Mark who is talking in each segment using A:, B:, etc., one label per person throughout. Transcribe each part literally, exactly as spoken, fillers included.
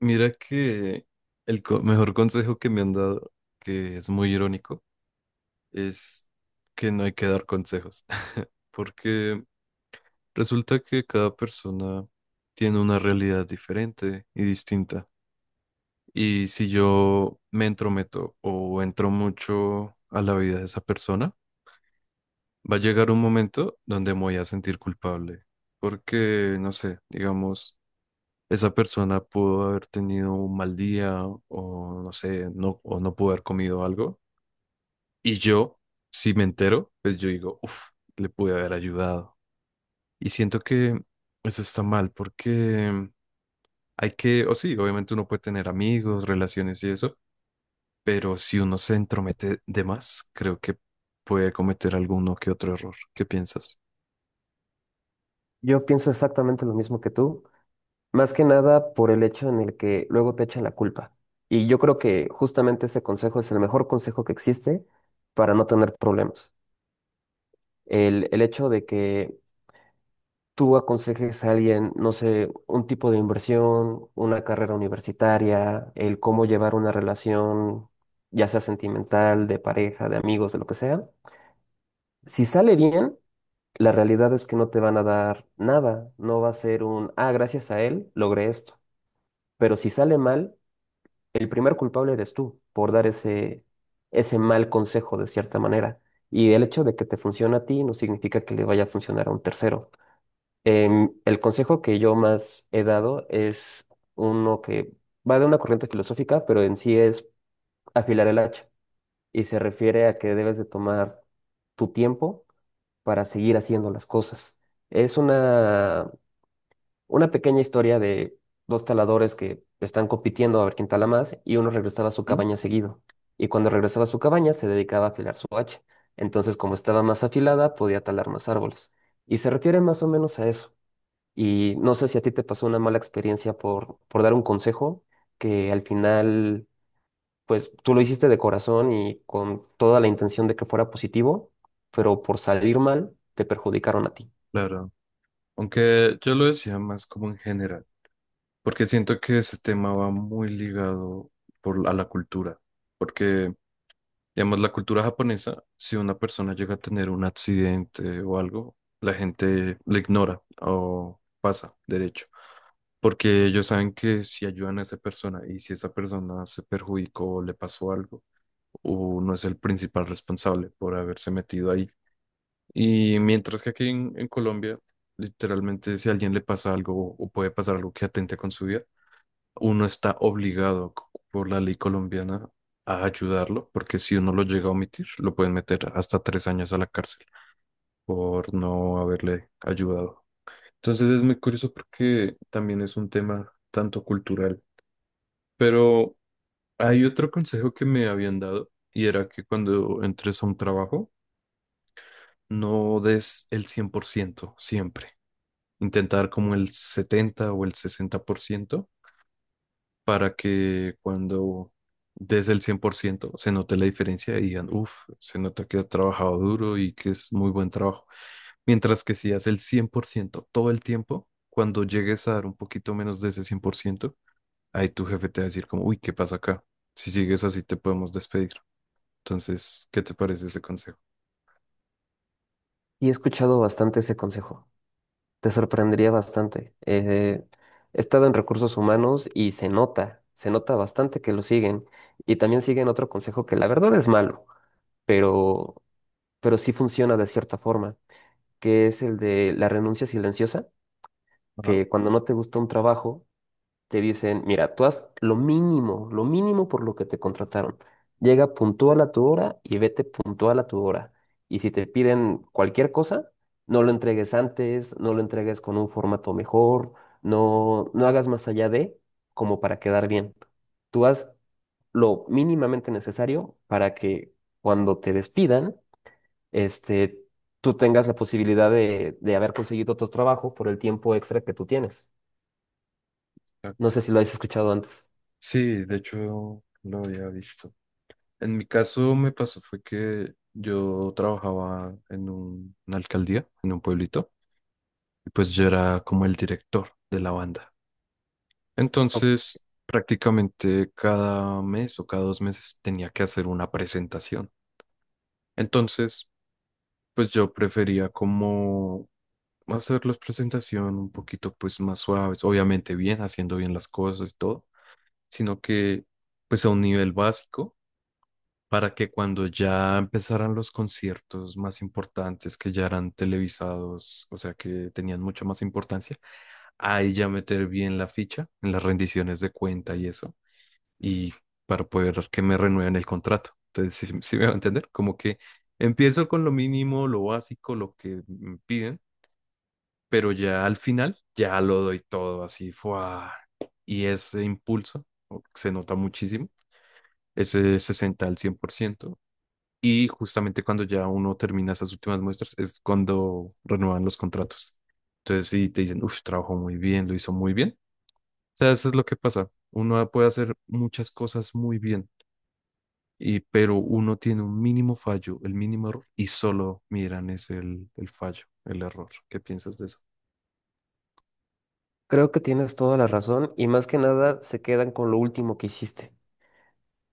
A: Mira que el co- mejor consejo que me han dado, que es muy irónico, es que no hay que dar consejos, porque resulta que cada persona tiene una realidad diferente y distinta. Y si yo me entrometo o entro mucho a la vida de esa persona, va a llegar un momento donde me voy a sentir culpable, porque, no sé, digamos, esa persona pudo haber tenido un mal día o no sé, no, o no pudo haber comido algo. Y yo, si me entero, pues yo digo, uff, le pude haber ayudado. Y siento que eso está mal porque hay que, o sí, obviamente uno puede tener amigos, relaciones y eso, pero si uno se entromete de más, creo que puede cometer alguno que otro error. ¿Qué piensas?
B: Yo pienso exactamente lo mismo que tú, más que nada por el hecho en el que luego te echan la culpa. Y yo creo que justamente ese consejo es el mejor consejo que existe para no tener problemas. El, el hecho de que tú aconsejes a alguien, no sé, un tipo de inversión, una carrera universitaria, el cómo llevar una relación, ya sea sentimental, de pareja, de amigos, de lo que sea. Si sale bien, la realidad es que no te van a dar nada. No va a ser un, ah, gracias a él logré esto. Pero si sale mal, el primer culpable eres tú por dar ese, ese mal consejo de cierta manera. Y el hecho de que te funcione a ti no significa que le vaya a funcionar a un tercero. Em, el consejo que yo más he dado es uno que va de una corriente filosófica, pero en sí es afilar el hacha. Y se refiere a que debes de tomar tu tiempo para seguir haciendo las cosas. Es una una pequeña historia de dos taladores que están compitiendo a ver quién tala más, y uno regresaba a su
A: ¿Mm?
B: cabaña seguido. Y cuando regresaba a su cabaña se dedicaba a afilar su hacha. Entonces, como estaba más afilada, podía talar más árboles. Y se refiere más o menos a eso. Y no sé si a ti te pasó una mala experiencia por, por dar un consejo que al final, pues tú lo hiciste de corazón y con toda la intención de que fuera positivo, pero por salir mal, te perjudicaron a ti.
A: Claro. Aunque yo lo decía más como en general. Porque siento que ese tema va muy ligado por, a la cultura. Porque, digamos, la cultura japonesa, si una persona llega a tener un accidente o algo, la gente le ignora o pasa derecho. Porque ellos saben que si ayudan a esa persona y si esa persona se perjudicó o le pasó algo, uno es el principal responsable por haberse metido ahí. Y mientras que aquí en, en Colombia, literalmente, si a alguien le pasa algo o puede pasar algo que atente con su vida, uno está obligado c- por la ley colombiana a ayudarlo, porque si uno lo llega a omitir, lo pueden meter hasta tres años a la cárcel por no haberle ayudado. Entonces es muy curioso porque también es un tema tanto cultural. Pero hay otro consejo que me habían dado y era que cuando entres a un trabajo, no des el cien por ciento siempre. Intentar como el setenta o el sesenta por ciento, para que cuando des el cien por ciento se note la diferencia y digan, uff, se nota que has trabajado duro y que es muy buen trabajo. Mientras que si haces el cien por ciento todo el tiempo, cuando llegues a dar un poquito menos de ese cien por ciento, ahí tu jefe te va a decir como, uy, ¿qué pasa acá? Si sigues así te podemos despedir. Entonces, ¿qué te parece ese consejo?
B: Y he escuchado bastante ese consejo. Te sorprendería bastante. Eh, he estado en recursos humanos y se nota, se nota bastante que lo siguen. Y también siguen otro consejo que la verdad es malo, pero, pero sí funciona de cierta forma, que es el de la renuncia silenciosa,
A: Ah,
B: que cuando no te gusta un trabajo, te dicen, mira, tú haz lo mínimo, lo mínimo por lo que te contrataron. Llega puntual a tu hora y vete puntual a tu hora. Y si te piden cualquier cosa, no lo entregues antes, no lo entregues con un formato mejor, no, no hagas más allá de como para quedar bien. Tú haz lo mínimamente necesario para que cuando te despidan, este, tú tengas la posibilidad de, de haber conseguido otro trabajo por el tiempo extra que tú tienes. No
A: exacto.
B: sé si lo has escuchado antes.
A: Sí, de hecho lo había visto. En mi caso me pasó fue que yo trabajaba en un- una alcaldía, en un pueblito, y pues yo era como el director de la banda. Entonces, prácticamente cada mes o cada dos meses tenía que hacer una presentación. Entonces, pues yo prefería como hacer las presentaciones un poquito pues más suaves, obviamente bien, haciendo bien las cosas y todo, sino que pues a un nivel básico para que cuando ya empezaran los conciertos más importantes que ya eran televisados, o sea que tenían mucha más importancia, ahí ya meter bien la ficha en las rendiciones de cuenta y eso, y para poder que me renueven el contrato. Entonces, ¿si me va a entender? Como que empiezo con lo mínimo, lo básico, lo que me piden, pero ya al final ya lo doy todo así, ¡fua! Y ese impulso o- se nota muchísimo, ese sesenta al cien por ciento. Y justamente cuando ya uno termina esas últimas muestras es cuando renuevan los contratos. Entonces, si te dicen, uff, trabajó muy bien, lo hizo muy bien, sea, eso es lo que pasa. Uno puede hacer muchas cosas muy bien, y, pero uno tiene un mínimo fallo, el mínimo error, y solo miran es el, el fallo, el error. ¿Qué piensas de eso?
B: Creo que tienes toda la razón, y más que nada se quedan con lo último que hiciste.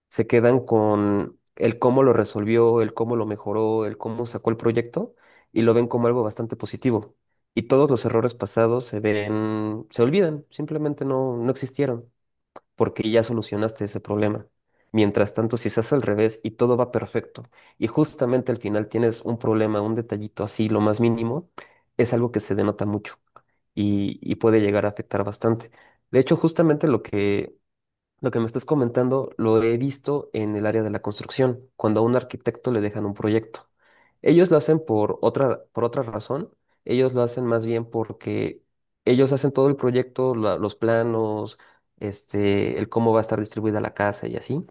B: Se quedan con el cómo lo resolvió, el cómo lo mejoró, el cómo sacó el proyecto, y lo ven como algo bastante positivo. Y todos los errores pasados se ven, se olvidan, simplemente no, no existieron porque ya solucionaste ese problema. Mientras tanto, si se hace al revés y todo va perfecto y justamente al final tienes un problema, un detallito así, lo más mínimo, es algo que se denota mucho y, y puede llegar a afectar bastante. De hecho, justamente lo que, lo que me estás comentando lo he visto en el área de la construcción, cuando a un arquitecto le dejan un proyecto. Ellos lo hacen por otra, por otra razón, ellos lo hacen más bien porque ellos hacen todo el proyecto, la- los planos, este, el cómo va a estar distribuida la casa y así,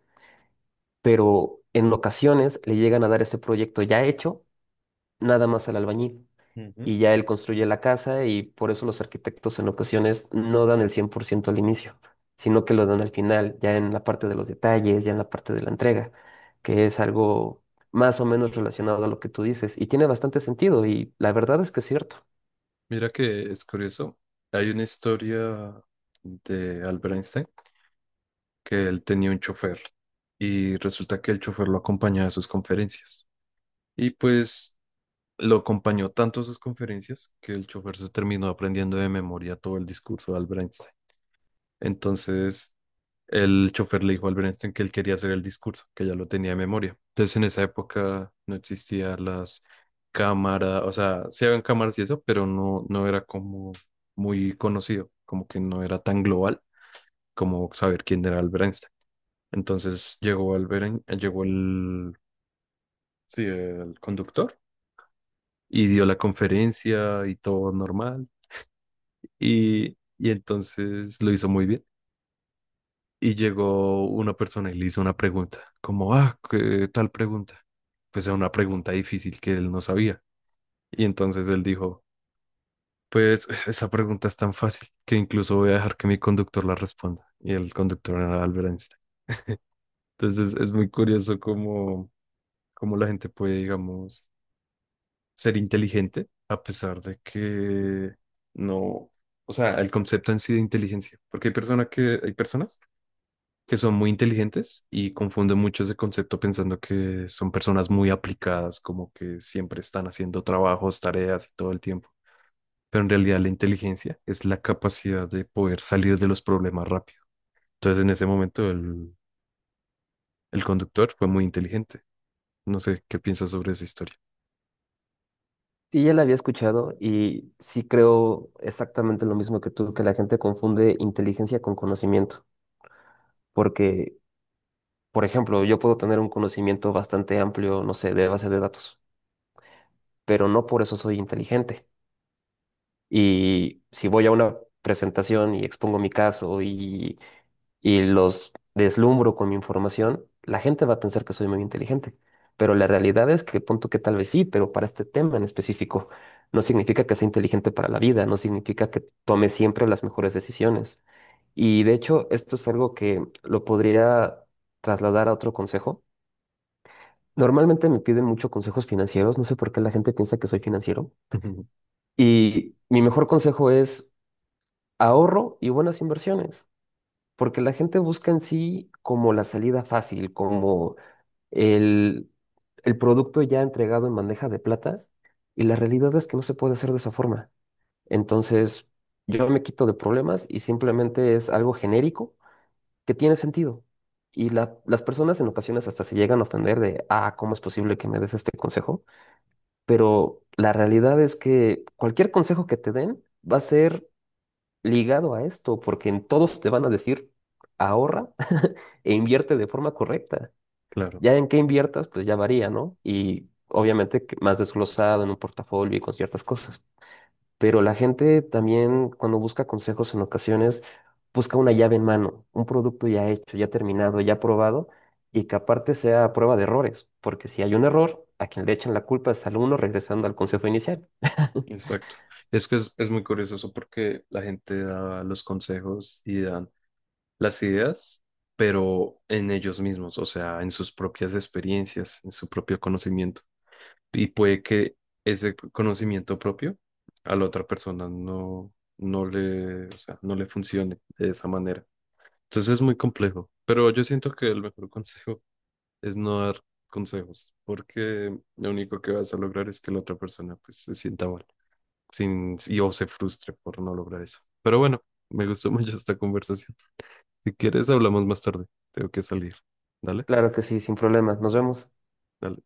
B: pero en ocasiones le llegan a dar ese proyecto ya hecho, nada más al albañil,
A: Ujú.
B: y ya él construye la casa, y por eso los arquitectos en ocasiones no dan el cien por ciento al inicio, sino que lo dan al final, ya en la parte de los detalles, ya en la parte de la entrega, que es algo más o menos relacionado a lo que tú dices y tiene bastante sentido, y la verdad es que es cierto.
A: Mira que es curioso. Hay una historia de Albert Einstein que él tenía un chofer y resulta que el chofer lo acompañaba a sus conferencias. Y pues lo acompañó tanto a sus conferencias que el chofer se terminó aprendiendo de memoria todo el discurso de Albert Einstein. Entonces, el chofer le dijo al Bernstein que él quería hacer el discurso, que ya lo tenía de memoria. Entonces, en esa época no existían las cámaras, o sea, sí habían cámaras y eso, pero no, no era como muy conocido, como que no era tan global como saber quién era el Bernstein. Entonces, llegó al Beren- llegó el, sí, el conductor y dio la conferencia y todo normal. Y, y entonces lo hizo muy bien, y llegó una persona y le hizo una pregunta, como, ah, ¿qué tal pregunta? Pues era una pregunta difícil que él no sabía. Y entonces él dijo, pues esa pregunta es tan fácil que incluso voy a dejar que mi conductor la responda. Y el conductor era Albert Einstein. Entonces es muy curioso cómo, cómo la gente puede, digamos, ser inteligente a pesar de que no, o sea, el concepto en sí de inteligencia, porque hay personas que, hay personas que son muy inteligentes y confunden mucho ese concepto pensando que son personas muy aplicadas, como que siempre están haciendo trabajos, tareas y todo el tiempo. Pero en realidad la inteligencia es la capacidad de poder salir de los problemas rápido. Entonces en ese momento el, el conductor fue muy inteligente. No sé qué piensas sobre esa historia.
B: Sí, ya la había escuchado y sí creo exactamente lo mismo que tú, que la gente confunde inteligencia con conocimiento, porque, por ejemplo, yo puedo tener un conocimiento bastante amplio, no sé, de base de datos, pero no por eso soy inteligente. Y si voy a una presentación y expongo mi caso y, y los deslumbro con mi información, la gente va a pensar que soy muy inteligente. Pero la realidad es que punto que tal vez sí, pero para este tema en específico, no significa que sea inteligente para la vida, no significa que tome siempre las mejores decisiones. Y de hecho, esto es algo que lo podría trasladar a otro consejo. Normalmente me piden mucho consejos financieros, no sé por qué la gente piensa que soy financiero. Y mi mejor consejo es ahorro y buenas inversiones, porque la gente busca en sí como la salida fácil, como el, el producto ya entregado en bandeja de plata, y la realidad es que no se puede hacer de esa forma. Entonces, yo me quito de problemas y simplemente es algo genérico que tiene sentido. Y la- las personas en ocasiones hasta se llegan a ofender de, ah, ¿cómo es posible que me des este consejo? Pero la realidad es que cualquier consejo que te den va a ser ligado a esto, porque en todos te van a decir ahorra e invierte de forma correcta.
A: Claro,
B: Ya en qué inviertas, pues ya varía, ¿no? Y obviamente que más desglosado en un portafolio y con ciertas cosas. Pero la gente también cuando busca consejos en ocasiones busca una llave en mano, un producto ya hecho, ya terminado, ya probado, y que aparte sea a prueba de errores, porque si hay un error, a quien le echan la culpa es al uno, regresando al consejo inicial.
A: exacto. Es que es, es muy curioso eso porque la gente da los consejos y dan las ideas, pero en ellos mismos, o sea, en sus propias experiencias, en su propio conocimiento. Y puede que ese conocimiento propio a la otra persona no, no le, o sea, no le funcione de esa manera. Entonces es muy complejo, pero yo siento que el mejor consejo es no dar consejos, porque lo único que vas a lograr es que la otra persona pues se sienta mal sin, y o se frustre por no lograr eso. Pero bueno, me gustó mucho esta conversación. Si quieres, hablamos más tarde. Tengo que salir. Dale,
B: Claro que sí, sin problemas. Nos vemos.
A: dale.